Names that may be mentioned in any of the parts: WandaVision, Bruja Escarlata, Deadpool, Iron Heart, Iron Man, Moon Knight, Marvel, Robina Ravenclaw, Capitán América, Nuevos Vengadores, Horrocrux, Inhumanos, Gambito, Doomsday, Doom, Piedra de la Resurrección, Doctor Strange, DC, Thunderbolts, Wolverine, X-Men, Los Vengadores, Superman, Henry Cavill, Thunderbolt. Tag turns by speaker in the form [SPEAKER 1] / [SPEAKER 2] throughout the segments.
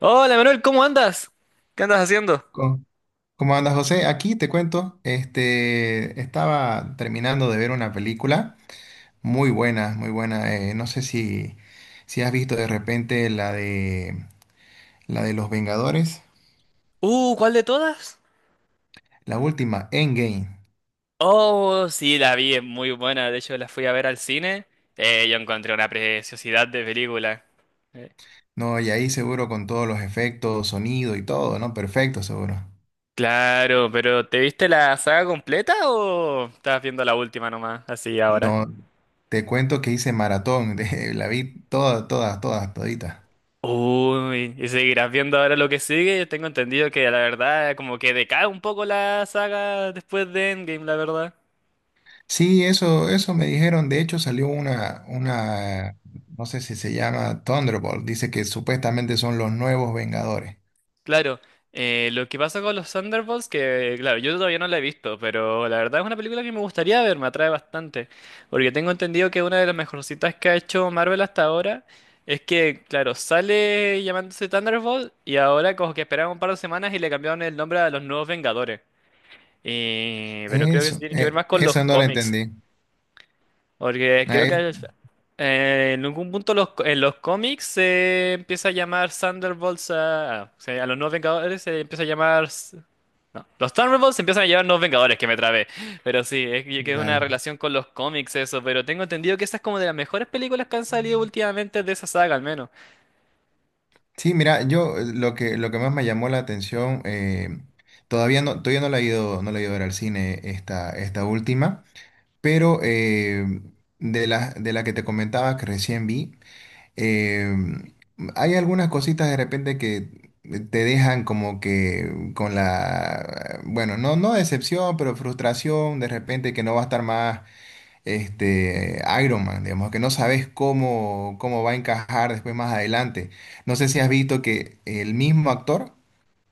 [SPEAKER 1] Hola Manuel, ¿cómo andas? ¿Qué andas haciendo?
[SPEAKER 2] Co- ¿Cómo andas, José? Aquí te cuento, estaba terminando de ver una película muy buena, muy buena. No sé si has visto de repente la de Los Vengadores,
[SPEAKER 1] ¿Cuál de todas?
[SPEAKER 2] la última, Endgame.
[SPEAKER 1] Oh, sí, la vi, es muy buena. De hecho, la fui a ver al cine. Yo encontré una preciosidad de película. Eh,
[SPEAKER 2] No, y ahí seguro con todos los efectos, sonido y todo, ¿no? Perfecto, seguro.
[SPEAKER 1] Claro, pero ¿te viste la saga completa o estabas viendo la última nomás, así ahora?
[SPEAKER 2] No, te cuento que hice maratón, la vi toda, todas, todas, todita.
[SPEAKER 1] Uy, ¿y seguirás viendo ahora lo que sigue? Yo tengo entendido que la verdad como que decae un poco la saga después de Endgame, la verdad.
[SPEAKER 2] Sí, eso me dijeron. De hecho, salió una, no sé si se llama Thunderbolt. Dice que supuestamente son los nuevos Vengadores.
[SPEAKER 1] Claro, lo que pasa con los Thunderbolts, que claro, yo todavía no la he visto, pero la verdad es una película que me gustaría ver, me atrae bastante, porque tengo entendido que una de las mejorcitas que ha hecho Marvel hasta ahora es que, claro, sale llamándose Thunderbolt y ahora como que esperaron un par de semanas y le cambiaron el nombre a los Nuevos Vengadores. Pero creo que eso
[SPEAKER 2] Eso,
[SPEAKER 1] tiene que ver más con los
[SPEAKER 2] eso no lo
[SPEAKER 1] cómics.
[SPEAKER 2] entendí.
[SPEAKER 1] Porque
[SPEAKER 2] Ah,
[SPEAKER 1] creo
[SPEAKER 2] es-
[SPEAKER 1] que es- en algún punto en los cómics se empieza a llamar Thunderbolts o sea, a los nuevos Vengadores se empieza a llamar... No, los Thunderbolts se empiezan a llamar nuevos Vengadores, que me trabé. Pero sí, es que es una
[SPEAKER 2] Dale.
[SPEAKER 1] relación con los cómics eso, pero tengo entendido que esa es como de las mejores películas que han salido últimamente de esa saga al menos.
[SPEAKER 2] Sí, mira, yo, lo que más me llamó la atención, todavía no la he ido, no la he ido a ver al cine esta última, pero de de la que te comentaba que recién vi. eh, Hay algunas cositas de repente que te dejan como que con la, bueno, no decepción, pero frustración de repente que no va a estar más este Iron Man, digamos, que no sabes cómo va a encajar después más adelante. No sé si has visto que el mismo actor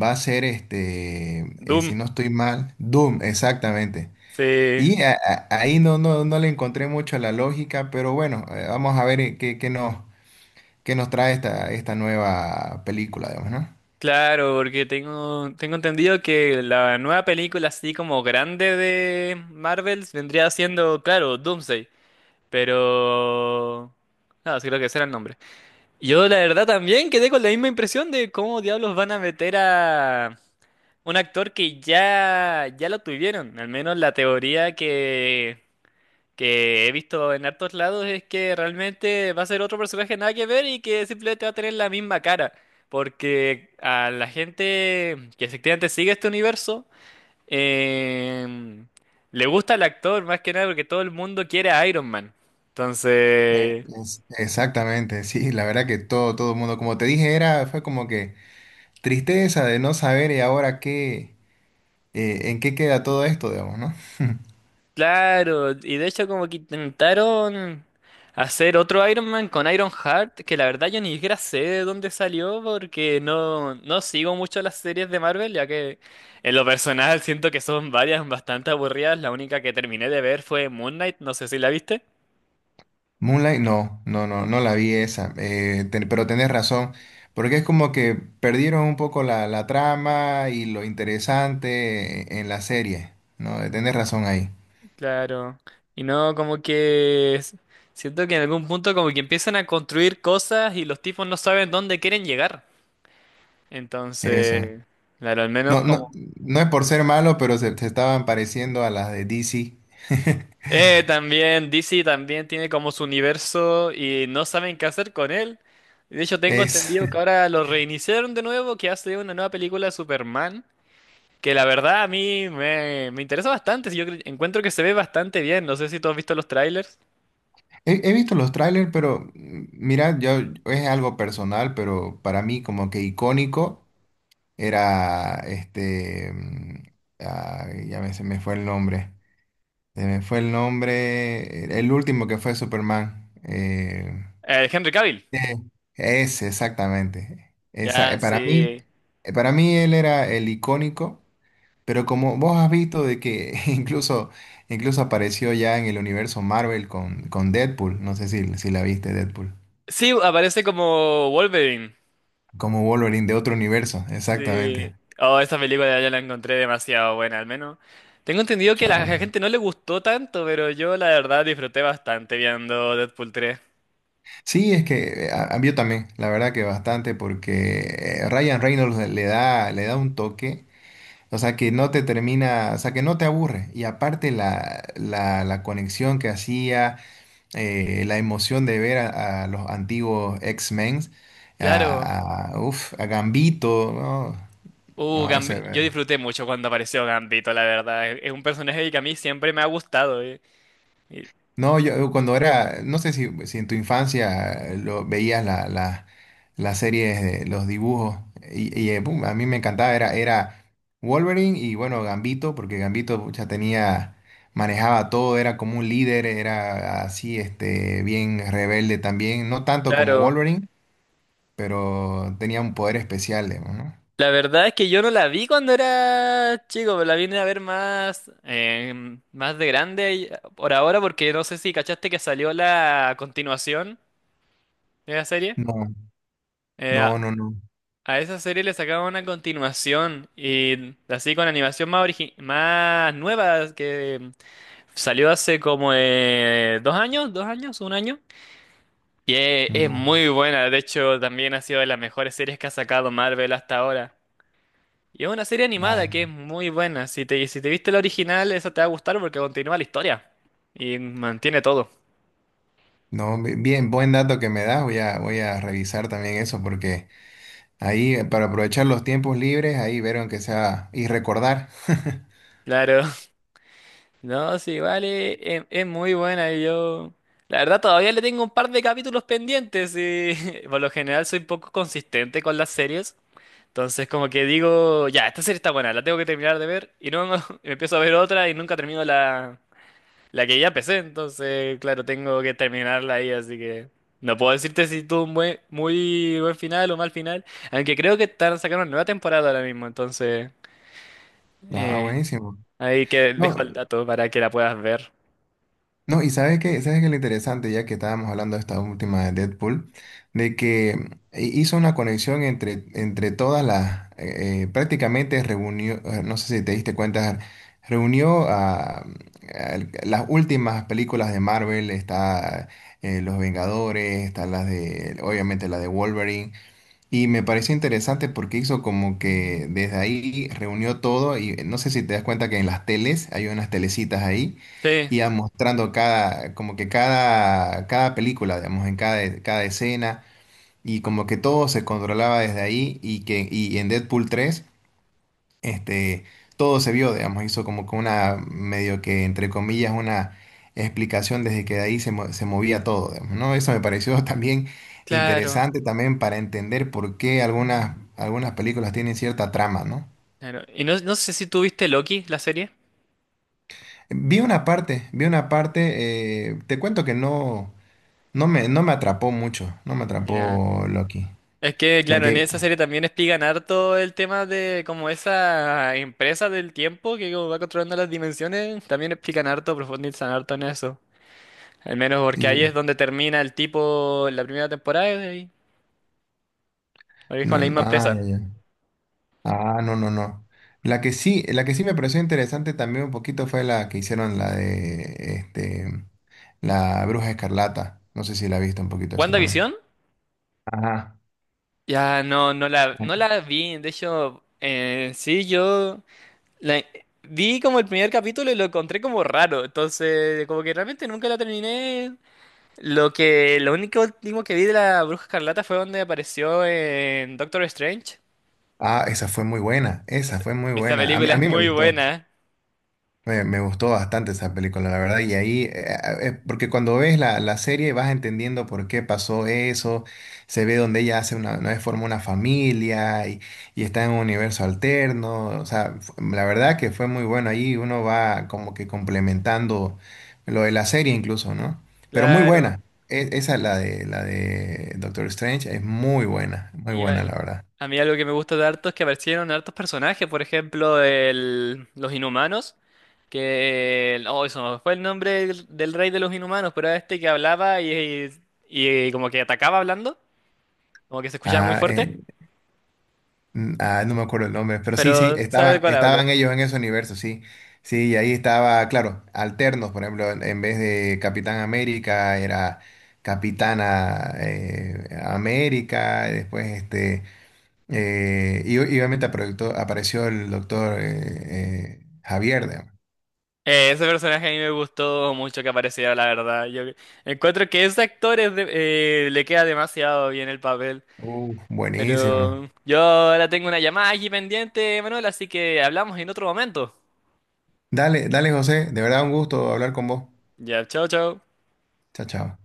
[SPEAKER 2] va a ser este, si
[SPEAKER 1] Doom.
[SPEAKER 2] no estoy mal, Doom, exactamente.
[SPEAKER 1] Sí.
[SPEAKER 2] Ahí no, no, no le encontré mucho la lógica, pero bueno, vamos a ver qué que nos trae esta nueva película, digamos, ¿no?
[SPEAKER 1] Claro, porque tengo entendido que la nueva película así como grande de Marvel vendría siendo, claro, Doomsday. Pero... nada, sí creo que ese era el nombre. Yo la verdad también quedé con la misma impresión de cómo diablos van a meter a un actor que ya lo tuvieron. Al menos la teoría que he visto en hartos lados es que realmente va a ser otro personaje nada que ver y que simplemente va a tener la misma cara. Porque a la gente que efectivamente sigue este universo, em, le gusta el actor más que nada porque todo el mundo quiere a Iron Man. Entonces,
[SPEAKER 2] Exactamente, sí, la verdad que todo el mundo, como te dije, fue como que tristeza de no saber y ahora qué, en qué queda todo esto, digamos, ¿no?
[SPEAKER 1] claro, y de hecho como que intentaron hacer otro Iron Man con Iron Heart, que la verdad yo ni siquiera sé de dónde salió porque no sigo mucho las series de Marvel, ya que en lo personal siento que son varias bastante aburridas, la única que terminé de ver fue Moon Knight, no sé si la viste.
[SPEAKER 2] Moonlight, no, no, no, no la vi esa, pero tenés razón, porque es como que perdieron un poco la trama y lo interesante en la serie, ¿no? Tenés razón ahí,
[SPEAKER 1] Claro, y no como siento que en algún punto como que empiezan a construir cosas y los tipos no saben dónde quieren llegar.
[SPEAKER 2] eso.
[SPEAKER 1] Entonces, claro, al menos
[SPEAKER 2] No, no,
[SPEAKER 1] como...
[SPEAKER 2] no es por ser malo, pero se estaban pareciendo a las de DC.
[SPEAKER 1] También, DC también tiene como su universo y no saben qué hacer con él. De hecho, tengo
[SPEAKER 2] Es,
[SPEAKER 1] entendido que ahora lo reiniciaron de nuevo, que hace una nueva película de Superman, que la verdad a mí me interesa bastante. Encuentro que se ve bastante bien. No sé si tú has visto los trailers.
[SPEAKER 2] he visto los trailers, pero mm, mira, yo es algo personal, pero para mí como que icónico era este, se me fue el nombre, se me fue el nombre, el último que fue Superman.
[SPEAKER 1] Henry Cavill.
[SPEAKER 2] Eh, Ese, exactamente. Esa,
[SPEAKER 1] Ya, sí.
[SPEAKER 2] para mí él era el icónico. Pero como vos has visto de que incluso, incluso apareció ya en el universo Marvel con Deadpool, no sé si la viste Deadpool,
[SPEAKER 1] Sí, aparece como Wolverine.
[SPEAKER 2] como Wolverine de otro universo,
[SPEAKER 1] Sí.
[SPEAKER 2] exactamente.
[SPEAKER 1] Oh, esa película yo la encontré demasiado buena, al menos. Tengo entendido
[SPEAKER 2] O
[SPEAKER 1] que a la
[SPEAKER 2] sea,
[SPEAKER 1] gente no le gustó tanto, pero yo la verdad disfruté bastante viendo Deadpool 3.
[SPEAKER 2] sí, es que yo también, la verdad que bastante, porque Ryan Reynolds le da un toque, o sea, que no te termina, o sea, que no te aburre. Y aparte la conexión que hacía la emoción de ver a los antiguos X-Men,
[SPEAKER 1] Claro.
[SPEAKER 2] a Gambito, ¿no? No, ese
[SPEAKER 1] Yo
[SPEAKER 2] era-
[SPEAKER 1] disfruté mucho cuando apareció Gambito, la verdad. Es un personaje que a mí siempre me ha gustado. Y-
[SPEAKER 2] no, yo cuando era, no sé si en tu infancia lo, veías las series, de los dibujos, pum, a mí me encantaba, era Wolverine y bueno, Gambito, porque Gambito ya tenía, manejaba todo, era como un líder, era así, este, bien rebelde también, no tanto como
[SPEAKER 1] claro.
[SPEAKER 2] Wolverine, pero tenía un poder especial, digamos, ¿no?
[SPEAKER 1] La verdad es que yo no la vi cuando era chico, pero la vine a ver más, más de grande. Por ahora, porque no sé si cachaste que salió la continuación de la serie.
[SPEAKER 2] No, no, no, no,
[SPEAKER 1] A esa serie le sacaban una continuación y así con animación más nueva que salió hace como un año. Y es
[SPEAKER 2] no,
[SPEAKER 1] muy buena, de hecho también ha sido de las mejores series que ha sacado Marvel hasta ahora. Y es una serie animada
[SPEAKER 2] nada.
[SPEAKER 1] que es muy buena. Si te viste la original, esa te va a gustar porque continúa la historia y mantiene todo.
[SPEAKER 2] No, bien, buen dato que me das, voy a revisar también eso porque ahí para aprovechar los tiempos libres, ahí vieron que sea y recordar.
[SPEAKER 1] Claro. No, sí, vale, es muy buena y yo... La verdad todavía le tengo un par de capítulos pendientes y por lo general soy poco consistente con las series. Entonces como que digo, ya, esta serie está buena, la tengo que terminar de ver y no, me empiezo a ver otra y nunca termino la que ya empecé. Entonces, claro, tengo que terminarla ahí, así que no puedo decirte si tuvo un buen, muy buen final o mal final, aunque creo que están sacando una nueva temporada ahora mismo, entonces
[SPEAKER 2] Ah,
[SPEAKER 1] eh,
[SPEAKER 2] buenísimo.
[SPEAKER 1] ahí que
[SPEAKER 2] No,
[SPEAKER 1] dejo el dato para que la puedas ver.
[SPEAKER 2] no, y sabes que lo interesante, ya que estábamos hablando de esta última de Deadpool, de que hizo una conexión entre todas las, prácticamente reunió, no sé si te diste cuenta, reunió a las últimas películas de Marvel, está Los Vengadores, está las de, obviamente la de Wolverine, y me pareció interesante porque hizo como que desde ahí reunió todo y no sé si te das cuenta que en las teles hay unas telecitas ahí
[SPEAKER 1] Sí.
[SPEAKER 2] y iba mostrando cada, como que cada película, digamos, en cada escena y como que todo se controlaba desde ahí y que y en Deadpool 3 este, todo se vio, digamos, hizo como que una, medio que, entre comillas, una explicación desde que de ahí se movía todo, digamos, ¿no? Eso me pareció también
[SPEAKER 1] Claro,
[SPEAKER 2] interesante también para entender por qué algunas películas tienen cierta trama, ¿no?
[SPEAKER 1] claro. Y no, no sé si tú viste Loki, la serie.
[SPEAKER 2] Vi una parte, te cuento que no me atrapó mucho, no me
[SPEAKER 1] Ya.
[SPEAKER 2] atrapó Loki.
[SPEAKER 1] Es que,
[SPEAKER 2] La
[SPEAKER 1] claro, en
[SPEAKER 2] que,
[SPEAKER 1] esa serie también explican harto el tema de como esa empresa del tiempo que como va controlando las dimensiones. También explican harto, profundizan harto en eso. Al menos porque ahí es
[SPEAKER 2] sí,
[SPEAKER 1] donde termina el tipo en la primera temporada y ahí es
[SPEAKER 2] no,
[SPEAKER 1] con la misma
[SPEAKER 2] ah, ya,
[SPEAKER 1] empresa.
[SPEAKER 2] ya. Ah, no, no, no. La que sí me pareció interesante también un poquito fue la que hicieron la de la Bruja Escarlata. No sé si la viste un poquito esa también.
[SPEAKER 1] ¿WandaVision?
[SPEAKER 2] Ajá.
[SPEAKER 1] Ya no, no la vi. De hecho, sí, yo. La- vi como el primer capítulo y lo encontré como raro, entonces como que realmente nunca la terminé. Lo único último que vi de la Bruja Escarlata fue donde apareció en Doctor Strange.
[SPEAKER 2] Ah, esa fue muy buena. Esa
[SPEAKER 1] Es-
[SPEAKER 2] fue muy
[SPEAKER 1] esa
[SPEAKER 2] buena.
[SPEAKER 1] película
[SPEAKER 2] A
[SPEAKER 1] es
[SPEAKER 2] mí me
[SPEAKER 1] muy
[SPEAKER 2] gustó.
[SPEAKER 1] buena,
[SPEAKER 2] Me gustó bastante esa película, la verdad, y ahí, porque cuando ves la serie vas entendiendo por qué pasó eso, se ve donde ella hace una vez forma una familia y está en un universo alterno, o sea, la verdad que fue muy bueno, ahí uno va como que complementando lo de la serie incluso, ¿no? Pero muy
[SPEAKER 1] claro. Ah,
[SPEAKER 2] buena, esa es la de Doctor Strange, es muy buena, la
[SPEAKER 1] Claro.
[SPEAKER 2] verdad.
[SPEAKER 1] A mí algo que me gusta de harto es que aparecieron hartos personajes, por ejemplo, los Inhumanos, oh, eso no fue el nombre del, del rey de los Inhumanos, pero era este que hablaba y como que atacaba hablando, como que se escuchaba muy Ah,
[SPEAKER 2] Ah, eh,
[SPEAKER 1] fuerte.
[SPEAKER 2] No me acuerdo el nombre, pero sí, sí,
[SPEAKER 1] Pero, ¿sabes de
[SPEAKER 2] estaban,
[SPEAKER 1] cuál hablo?
[SPEAKER 2] estaban ellos en ese universo, sí. Sí, y ahí estaba, claro, alternos, por ejemplo, en vez de Capitán América era Capitana América, y después este, y obviamente apareció, apareció el doctor Javier, digamos.
[SPEAKER 1] Ese personaje a mí me gustó mucho que apareciera, la verdad. Yo encuentro que ese actor le queda demasiado bien el papel.
[SPEAKER 2] Buenísimo.
[SPEAKER 1] Pero yo ahora tengo una llamada aquí pendiente, Manuel, así que hablamos en otro momento.
[SPEAKER 2] Dale, dale, José, de verdad un gusto hablar con vos.
[SPEAKER 1] Ya, chao, chao.
[SPEAKER 2] Chao, chao.